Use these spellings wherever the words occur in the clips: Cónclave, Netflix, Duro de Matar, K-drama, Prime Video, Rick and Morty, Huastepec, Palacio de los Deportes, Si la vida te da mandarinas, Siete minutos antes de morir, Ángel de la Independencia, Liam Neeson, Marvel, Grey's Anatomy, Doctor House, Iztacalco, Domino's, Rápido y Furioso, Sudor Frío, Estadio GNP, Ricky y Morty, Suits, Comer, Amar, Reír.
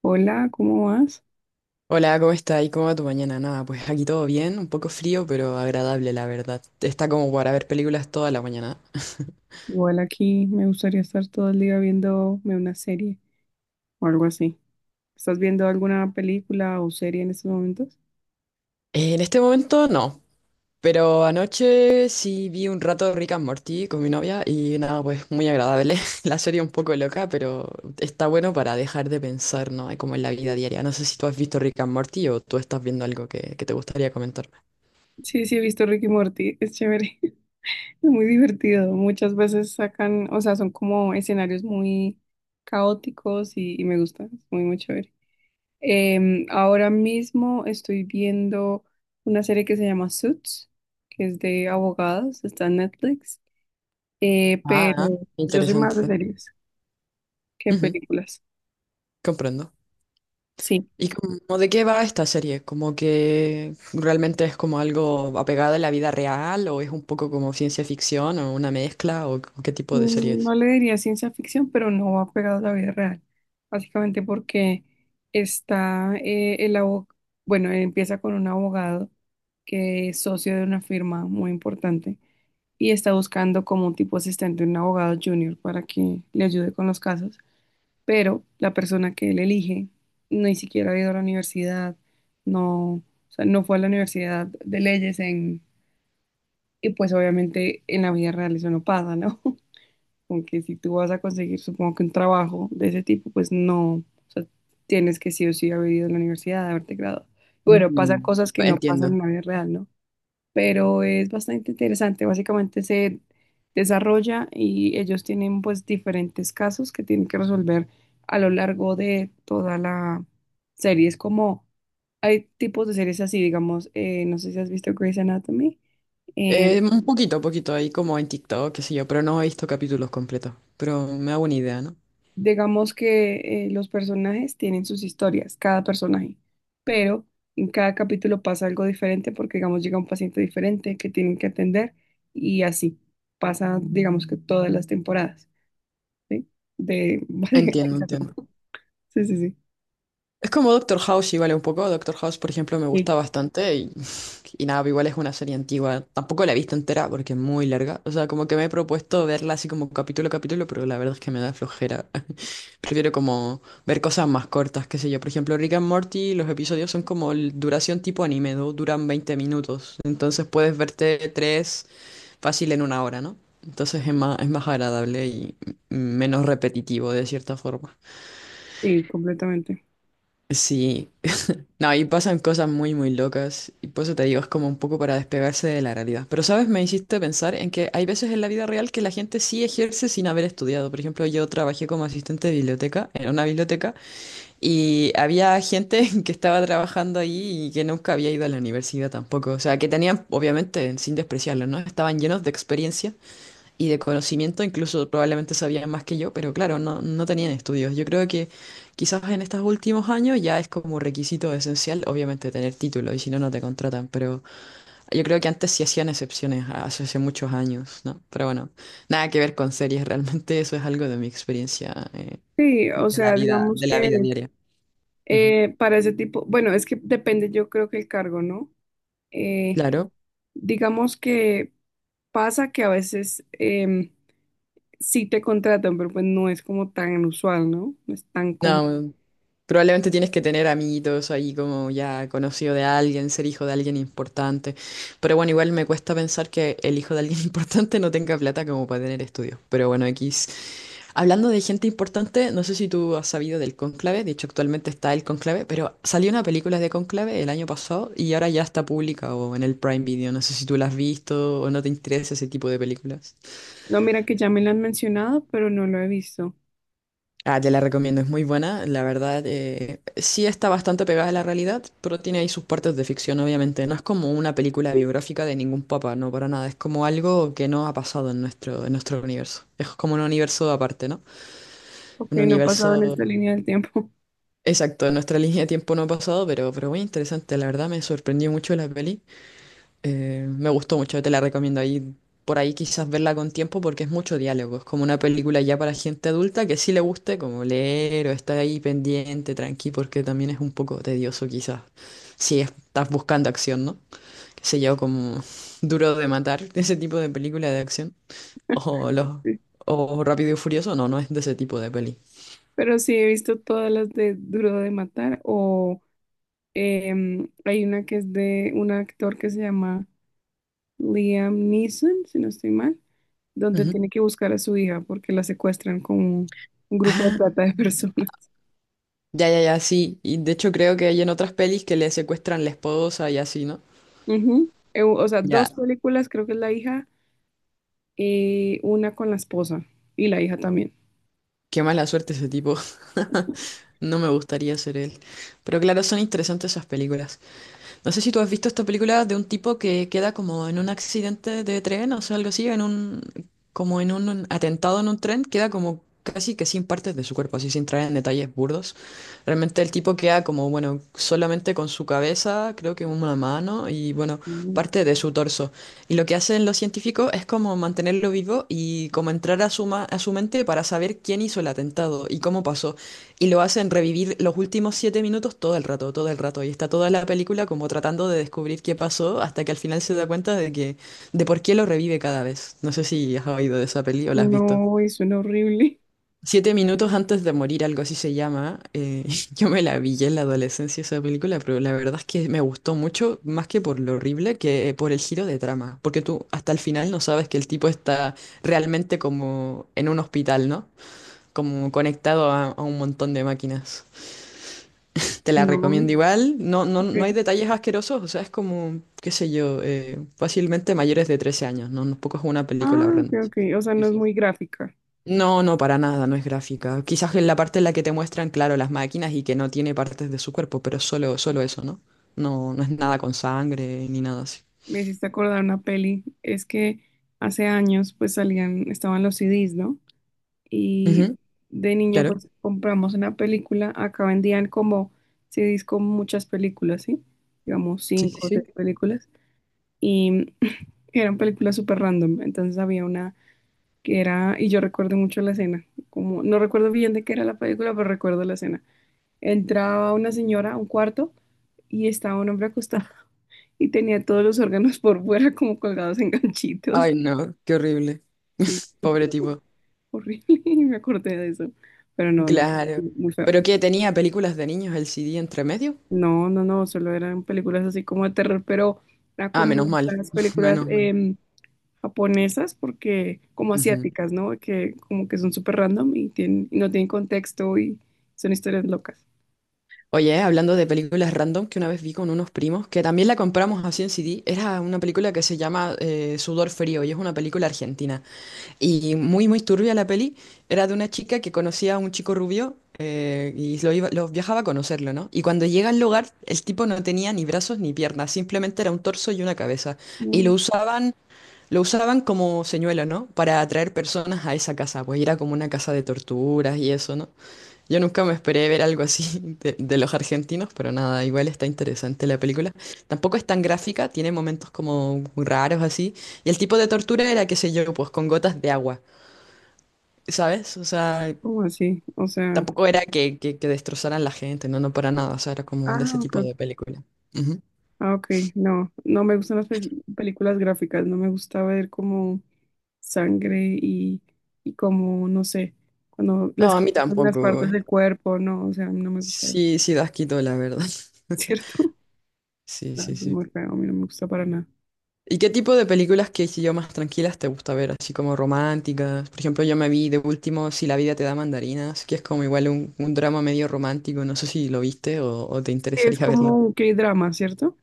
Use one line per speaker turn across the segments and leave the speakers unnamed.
Hola, ¿cómo vas?
Hola, ¿cómo está? ¿Y cómo va tu mañana? Nada, pues aquí todo bien, un poco frío, pero agradable, la verdad. Está como para ver películas toda la mañana.
Igual aquí me gustaría estar todo el día viéndome una serie o algo así. ¿Estás viendo alguna película o serie en estos momentos?
En este momento no, pero anoche sí vi un rato Rick and Morty con mi novia y nada, pues muy agradable. La serie un poco loca, pero está bueno para dejar de pensar, ¿no? Como en la vida diaria. No sé si tú has visto Rick and Morty o tú estás viendo algo que te gustaría comentarme.
Sí, he visto Ricky y Morty, es chévere, es muy divertido. Muchas veces sacan, o sea, son como escenarios muy caóticos y me gusta, es muy chévere. Ahora mismo estoy viendo una serie que se llama Suits, que es de abogados, está en Netflix,
Ah,
pero yo soy más de
interesante.
series. ¿Qué
Ujú,
películas?
comprendo.
Sí,
¿Y como de qué va esta serie? ¿Como que realmente es como algo apegado a la vida real o es un poco como ciencia ficción o una mezcla o qué tipo de serie es?
no le diría ciencia ficción, pero no va pegado a la vida real. Básicamente porque está el abogado, bueno, empieza con un abogado que es socio de una firma muy importante y está buscando como un tipo asistente, un abogado junior para que le ayude con los casos, pero la persona que él elige ni siquiera ha ido a la universidad, no, o sea, no fue a la universidad de leyes en, y pues obviamente en la vida real eso no pasa, ¿no? Como que si tú vas a conseguir, supongo que un trabajo de ese tipo, pues no, o sea, tienes que sí o sí haber ido a la universidad, haberte graduado. Bueno, pasan
Mm.
cosas que no pasan
Entiendo.
en la vida real, ¿no? Pero es bastante interesante, básicamente se desarrolla y ellos tienen pues diferentes casos que tienen que resolver a lo largo de toda la serie. Es como, hay tipos de series así, digamos, no sé si has visto Grey's Anatomy. eh,
Un poquito ahí como en TikTok, qué sé yo, pero no he visto capítulos completos, pero me hago una idea, ¿no?
Digamos que los personajes tienen sus historias, cada personaje, pero en cada capítulo pasa algo diferente porque, digamos, llega un paciente diferente que tienen que atender y así pasa, digamos que todas las temporadas, ¿sí? De,
Entiendo,
básicamente eso.
entiendo.
sí, sí, sí,
Es como Doctor House, igual un poco. Doctor House, por ejemplo, me
sí,
gusta bastante y, y nada, igual es una serie antigua. Tampoco la he visto entera porque es muy larga. O sea, como que me he propuesto verla así como capítulo a capítulo, pero la verdad es que me da flojera. Prefiero como ver cosas más cortas, qué sé yo. Por ejemplo, Rick and Morty, los episodios son como duración tipo anime, ¿no? Duran 20 minutos. Entonces puedes verte tres fácil en una hora, ¿no? Entonces es más agradable y menos repetitivo de cierta forma.
sí, completamente.
Sí. No, ahí pasan cosas muy, muy locas y por eso te digo, es como un poco para despegarse de la realidad. Pero, ¿sabes? Me hiciste pensar en que hay veces en la vida real que la gente sí ejerce sin haber estudiado. Por ejemplo, yo trabajé como asistente de biblioteca, en una biblioteca, y había gente que estaba trabajando ahí y que nunca había ido a la universidad tampoco. O sea, que tenían, obviamente, sin despreciarlo, ¿no? Estaban llenos de experiencia y de conocimiento, incluso probablemente sabían más que yo, pero claro, no tenían estudios. Yo creo que quizás en estos últimos años ya es como requisito esencial, obviamente, tener título, y si no, no te contratan, pero yo creo que antes sí hacían excepciones, hace muchos años, ¿no? Pero bueno, nada que ver con series, realmente eso es algo de mi experiencia,
Sí, o
de la
sea,
vida,
digamos
de la vida
que
diaria. Ujú.
para ese tipo, bueno, es que depende, yo creo que el cargo, ¿no? Eh,
Claro.
digamos que pasa que a veces... sí te contratan, pero pues no es como tan usual, ¿no? No es tan común.
No, probablemente tienes que tener amiguitos ahí como ya conocido de alguien, ser hijo de alguien importante. Pero bueno, igual me cuesta pensar que el hijo de alguien importante no tenga plata como para tener estudios. Pero bueno, X. Hablando de gente importante, no sé si tú has sabido del Cónclave, de hecho actualmente está el Cónclave, pero salió una película de Cónclave el año pasado y ahora ya está pública o en el Prime Video. No sé si tú la has visto o no te interesa ese tipo de películas.
No, mira que ya me lo han mencionado, pero no lo he visto.
Ah, te la recomiendo, es muy buena, la verdad. Sí está bastante pegada a la realidad, pero tiene ahí sus partes de ficción, obviamente. No es como una película biográfica de ningún papa, no, para nada. Es como algo que no ha pasado en nuestro universo. Es como un universo aparte, ¿no?
Ok,
Un
no ha pasado en esta
universo
línea del tiempo.
exacto, en nuestra línea de tiempo no ha pasado, pero muy interesante. La verdad me sorprendió mucho la peli. Me gustó mucho, te la recomiendo ahí. Por ahí quizás verla con tiempo porque es mucho diálogo. Es como una película ya para gente adulta que sí le guste como leer o estar ahí pendiente, tranqui, porque también es un poco tedioso quizás. Si es- ¿Estás buscando acción, no? Qué sé yo, como Duro de Matar, ese tipo de película de acción. O, los,
Sí.
o Rápido y Furioso, no, no es de ese tipo de peli.
Pero sí he visto todas las de Duro de Matar o hay una que es de un actor que se llama Liam Neeson, si no estoy mal, donde
Ujú.
tiene que buscar a su hija porque la secuestran con un grupo de
Ah,
trata de personas.
ya, ya, ya, sí. Y de hecho creo que hay en otras pelis que le secuestran la esposa y así, ¿no?
Ujú. O sea,
Ya.
dos películas, creo que es La hija y una con la esposa y la hija también.
Qué mala suerte ese tipo. No me gustaría ser él. Pero claro, son interesantes esas películas. No sé si tú has visto esta película de un tipo que queda como en un accidente de tren, o sea, algo así, como en un atentado en un tren, queda como casi que sin partes de su cuerpo, así sin traer en detalles burdos. Realmente el tipo queda como, bueno, solamente con su cabeza, creo que una mano y, bueno,
Mm.
parte de su torso. Y lo que hacen los científicos es como mantenerlo vivo y como entrar a su mente para saber quién hizo el atentado y cómo pasó. Y lo hacen revivir los últimos siete minutos todo el rato, todo el rato. Y está toda la película como tratando de descubrir qué pasó hasta que al final se da cuenta de por qué lo revive cada vez. No sé si has oído de esa peli o la has visto.
No, y suena horrible.
Siete minutos antes de morir, algo así se llama. Yo me la vi ya en la adolescencia esa película, pero la verdad es que me gustó mucho, más que por lo horrible, que por el giro de trama. Porque tú hasta el final no sabes que el tipo está realmente como en un hospital, ¿no? Como conectado a un montón de máquinas. Te la
No,
recomiendo igual. No hay
ok.
detalles asquerosos, o sea, es como, qué sé yo, fácilmente mayores de 13 años, ¿no? No poco es una película
Ah, ok,
horrenda.
ok. O sea,
Sí,
no es
sí.
muy gráfica.
No, no, para nada, no es gráfica. Quizás en la parte en la que te muestran, claro, las máquinas y que no tiene partes de su cuerpo, pero solo eso, ¿no? No, no es nada con sangre ni nada así.
Me hiciste acordar una peli. Es que hace años, pues salían, estaban los CDs, ¿no? Y
Ujú,
de niña,
claro.
pues compramos una película. Acá vendían como CDs con muchas películas, ¿sí? Digamos,
Sí, sí,
cinco o
sí.
seis películas. Y eran películas súper random. Entonces había una que era, y yo recuerdo mucho la escena, como, no recuerdo bien de qué era la película, pero recuerdo la escena. Entraba una señora a un cuarto y estaba un hombre acostado y tenía todos los órganos por fuera como colgados en ganchitos.
Ay, no, qué horrible.
Sí,
Pobre tipo.
horrible, y me acordé de eso, pero no,
Claro.
muy feo.
¿Pero qué? ¿Tenía películas de niños el CD entre medio?
No, solo eran películas así como de terror, pero era
Ah, menos
como
mal.
esas películas,
Menos mal.
japonesas, porque como asiáticas, ¿no? Que como que son súper random y, tienen, y no tienen contexto y son historias locas.
Oye, hablando de películas random que una vez vi con unos primos, que también la compramos así en CD, era una película que se llama Sudor Frío y es una película argentina. Y muy, muy turbia la peli. Era de una chica que conocía a un chico rubio y lo viajaba a conocerlo, ¿no? Y cuando llega al lugar, el tipo no tenía ni brazos ni piernas, simplemente era un torso y una cabeza. Y lo
No,
usaban, lo usaban como señuelo, ¿no? Para atraer personas a esa casa, pues era como una casa de torturas y eso, ¿no? Yo nunca me esperé ver algo así de los argentinos, pero nada, igual está interesante la película. Tampoco es tan gráfica, tiene momentos como muy raros así. Y el tipo de tortura era, qué sé yo, pues con gotas de agua, ¿sabes? O sea,
¿cómo así? O sea,
tampoco era que destrozaran la gente, no, no para nada, o sea, era como de ese
ah, ok,
tipo
ok.
de película. Ujú.
Ah, ok, no, no me gustan las películas gráficas, no me gusta ver como sangre y como, no sé, cuando
No,
les
a mí
quitan las
tampoco.
partes del cuerpo, no, o sea, no me gusta,
Sí, sí, da asquito, la verdad.
¿cierto?
Sí,
No,
sí,
es
sí.
muy feo, a mí no me gusta para nada.
¿Y qué tipo de películas que si yo más tranquilas te gusta ver? Así como románticas. Por ejemplo, yo me vi de último Si la vida te da mandarinas, que es como igual un drama medio romántico. No sé si lo viste o te
Es
interesaría verlo.
como un K-drama, ¿cierto?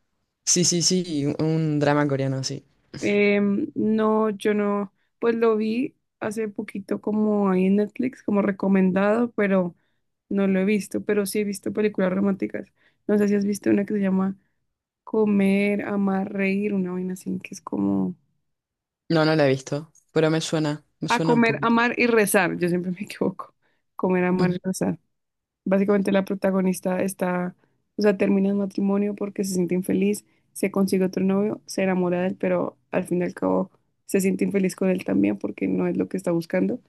Sí, sí, sí, un drama coreano, sí.
No, yo no, pues lo vi hace poquito como ahí en Netflix, como recomendado, pero no lo he visto, pero sí he visto películas románticas. No sé si has visto una que se llama Comer, Amar, Reír, una vaina así, que es como...
No, no la he visto, pero me
A
suena un
comer,
poquito.
amar y rezar, yo siempre me equivoco. Comer, amar y
Ujú,
rezar. Básicamente la protagonista está, o sea, termina el matrimonio porque se siente infeliz, se consigue otro novio, se enamora de él, pero al fin y al cabo se siente infeliz con él también porque no es lo que está buscando.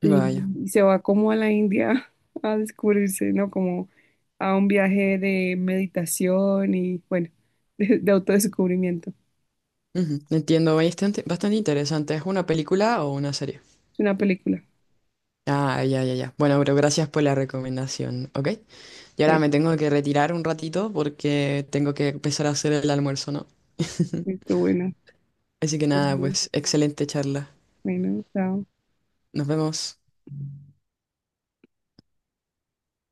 Y
Vaya.
se va como a la India a descubrirse, ¿no? Como a un viaje de meditación y, bueno, de autodescubrimiento.
Ujú, entiendo, bastante, bastante interesante. ¿Es una película o una serie?
Es una película.
Ah, ya, ya, ya. Bueno, pero gracias por la recomendación, ¿ok? Y ahora
Sí,
me tengo que retirar un ratito porque tengo que empezar a hacer el almuerzo, ¿no?
estuvo buena.
Así que nada, pues excelente charla.
Bueno, chao.
Nos vemos.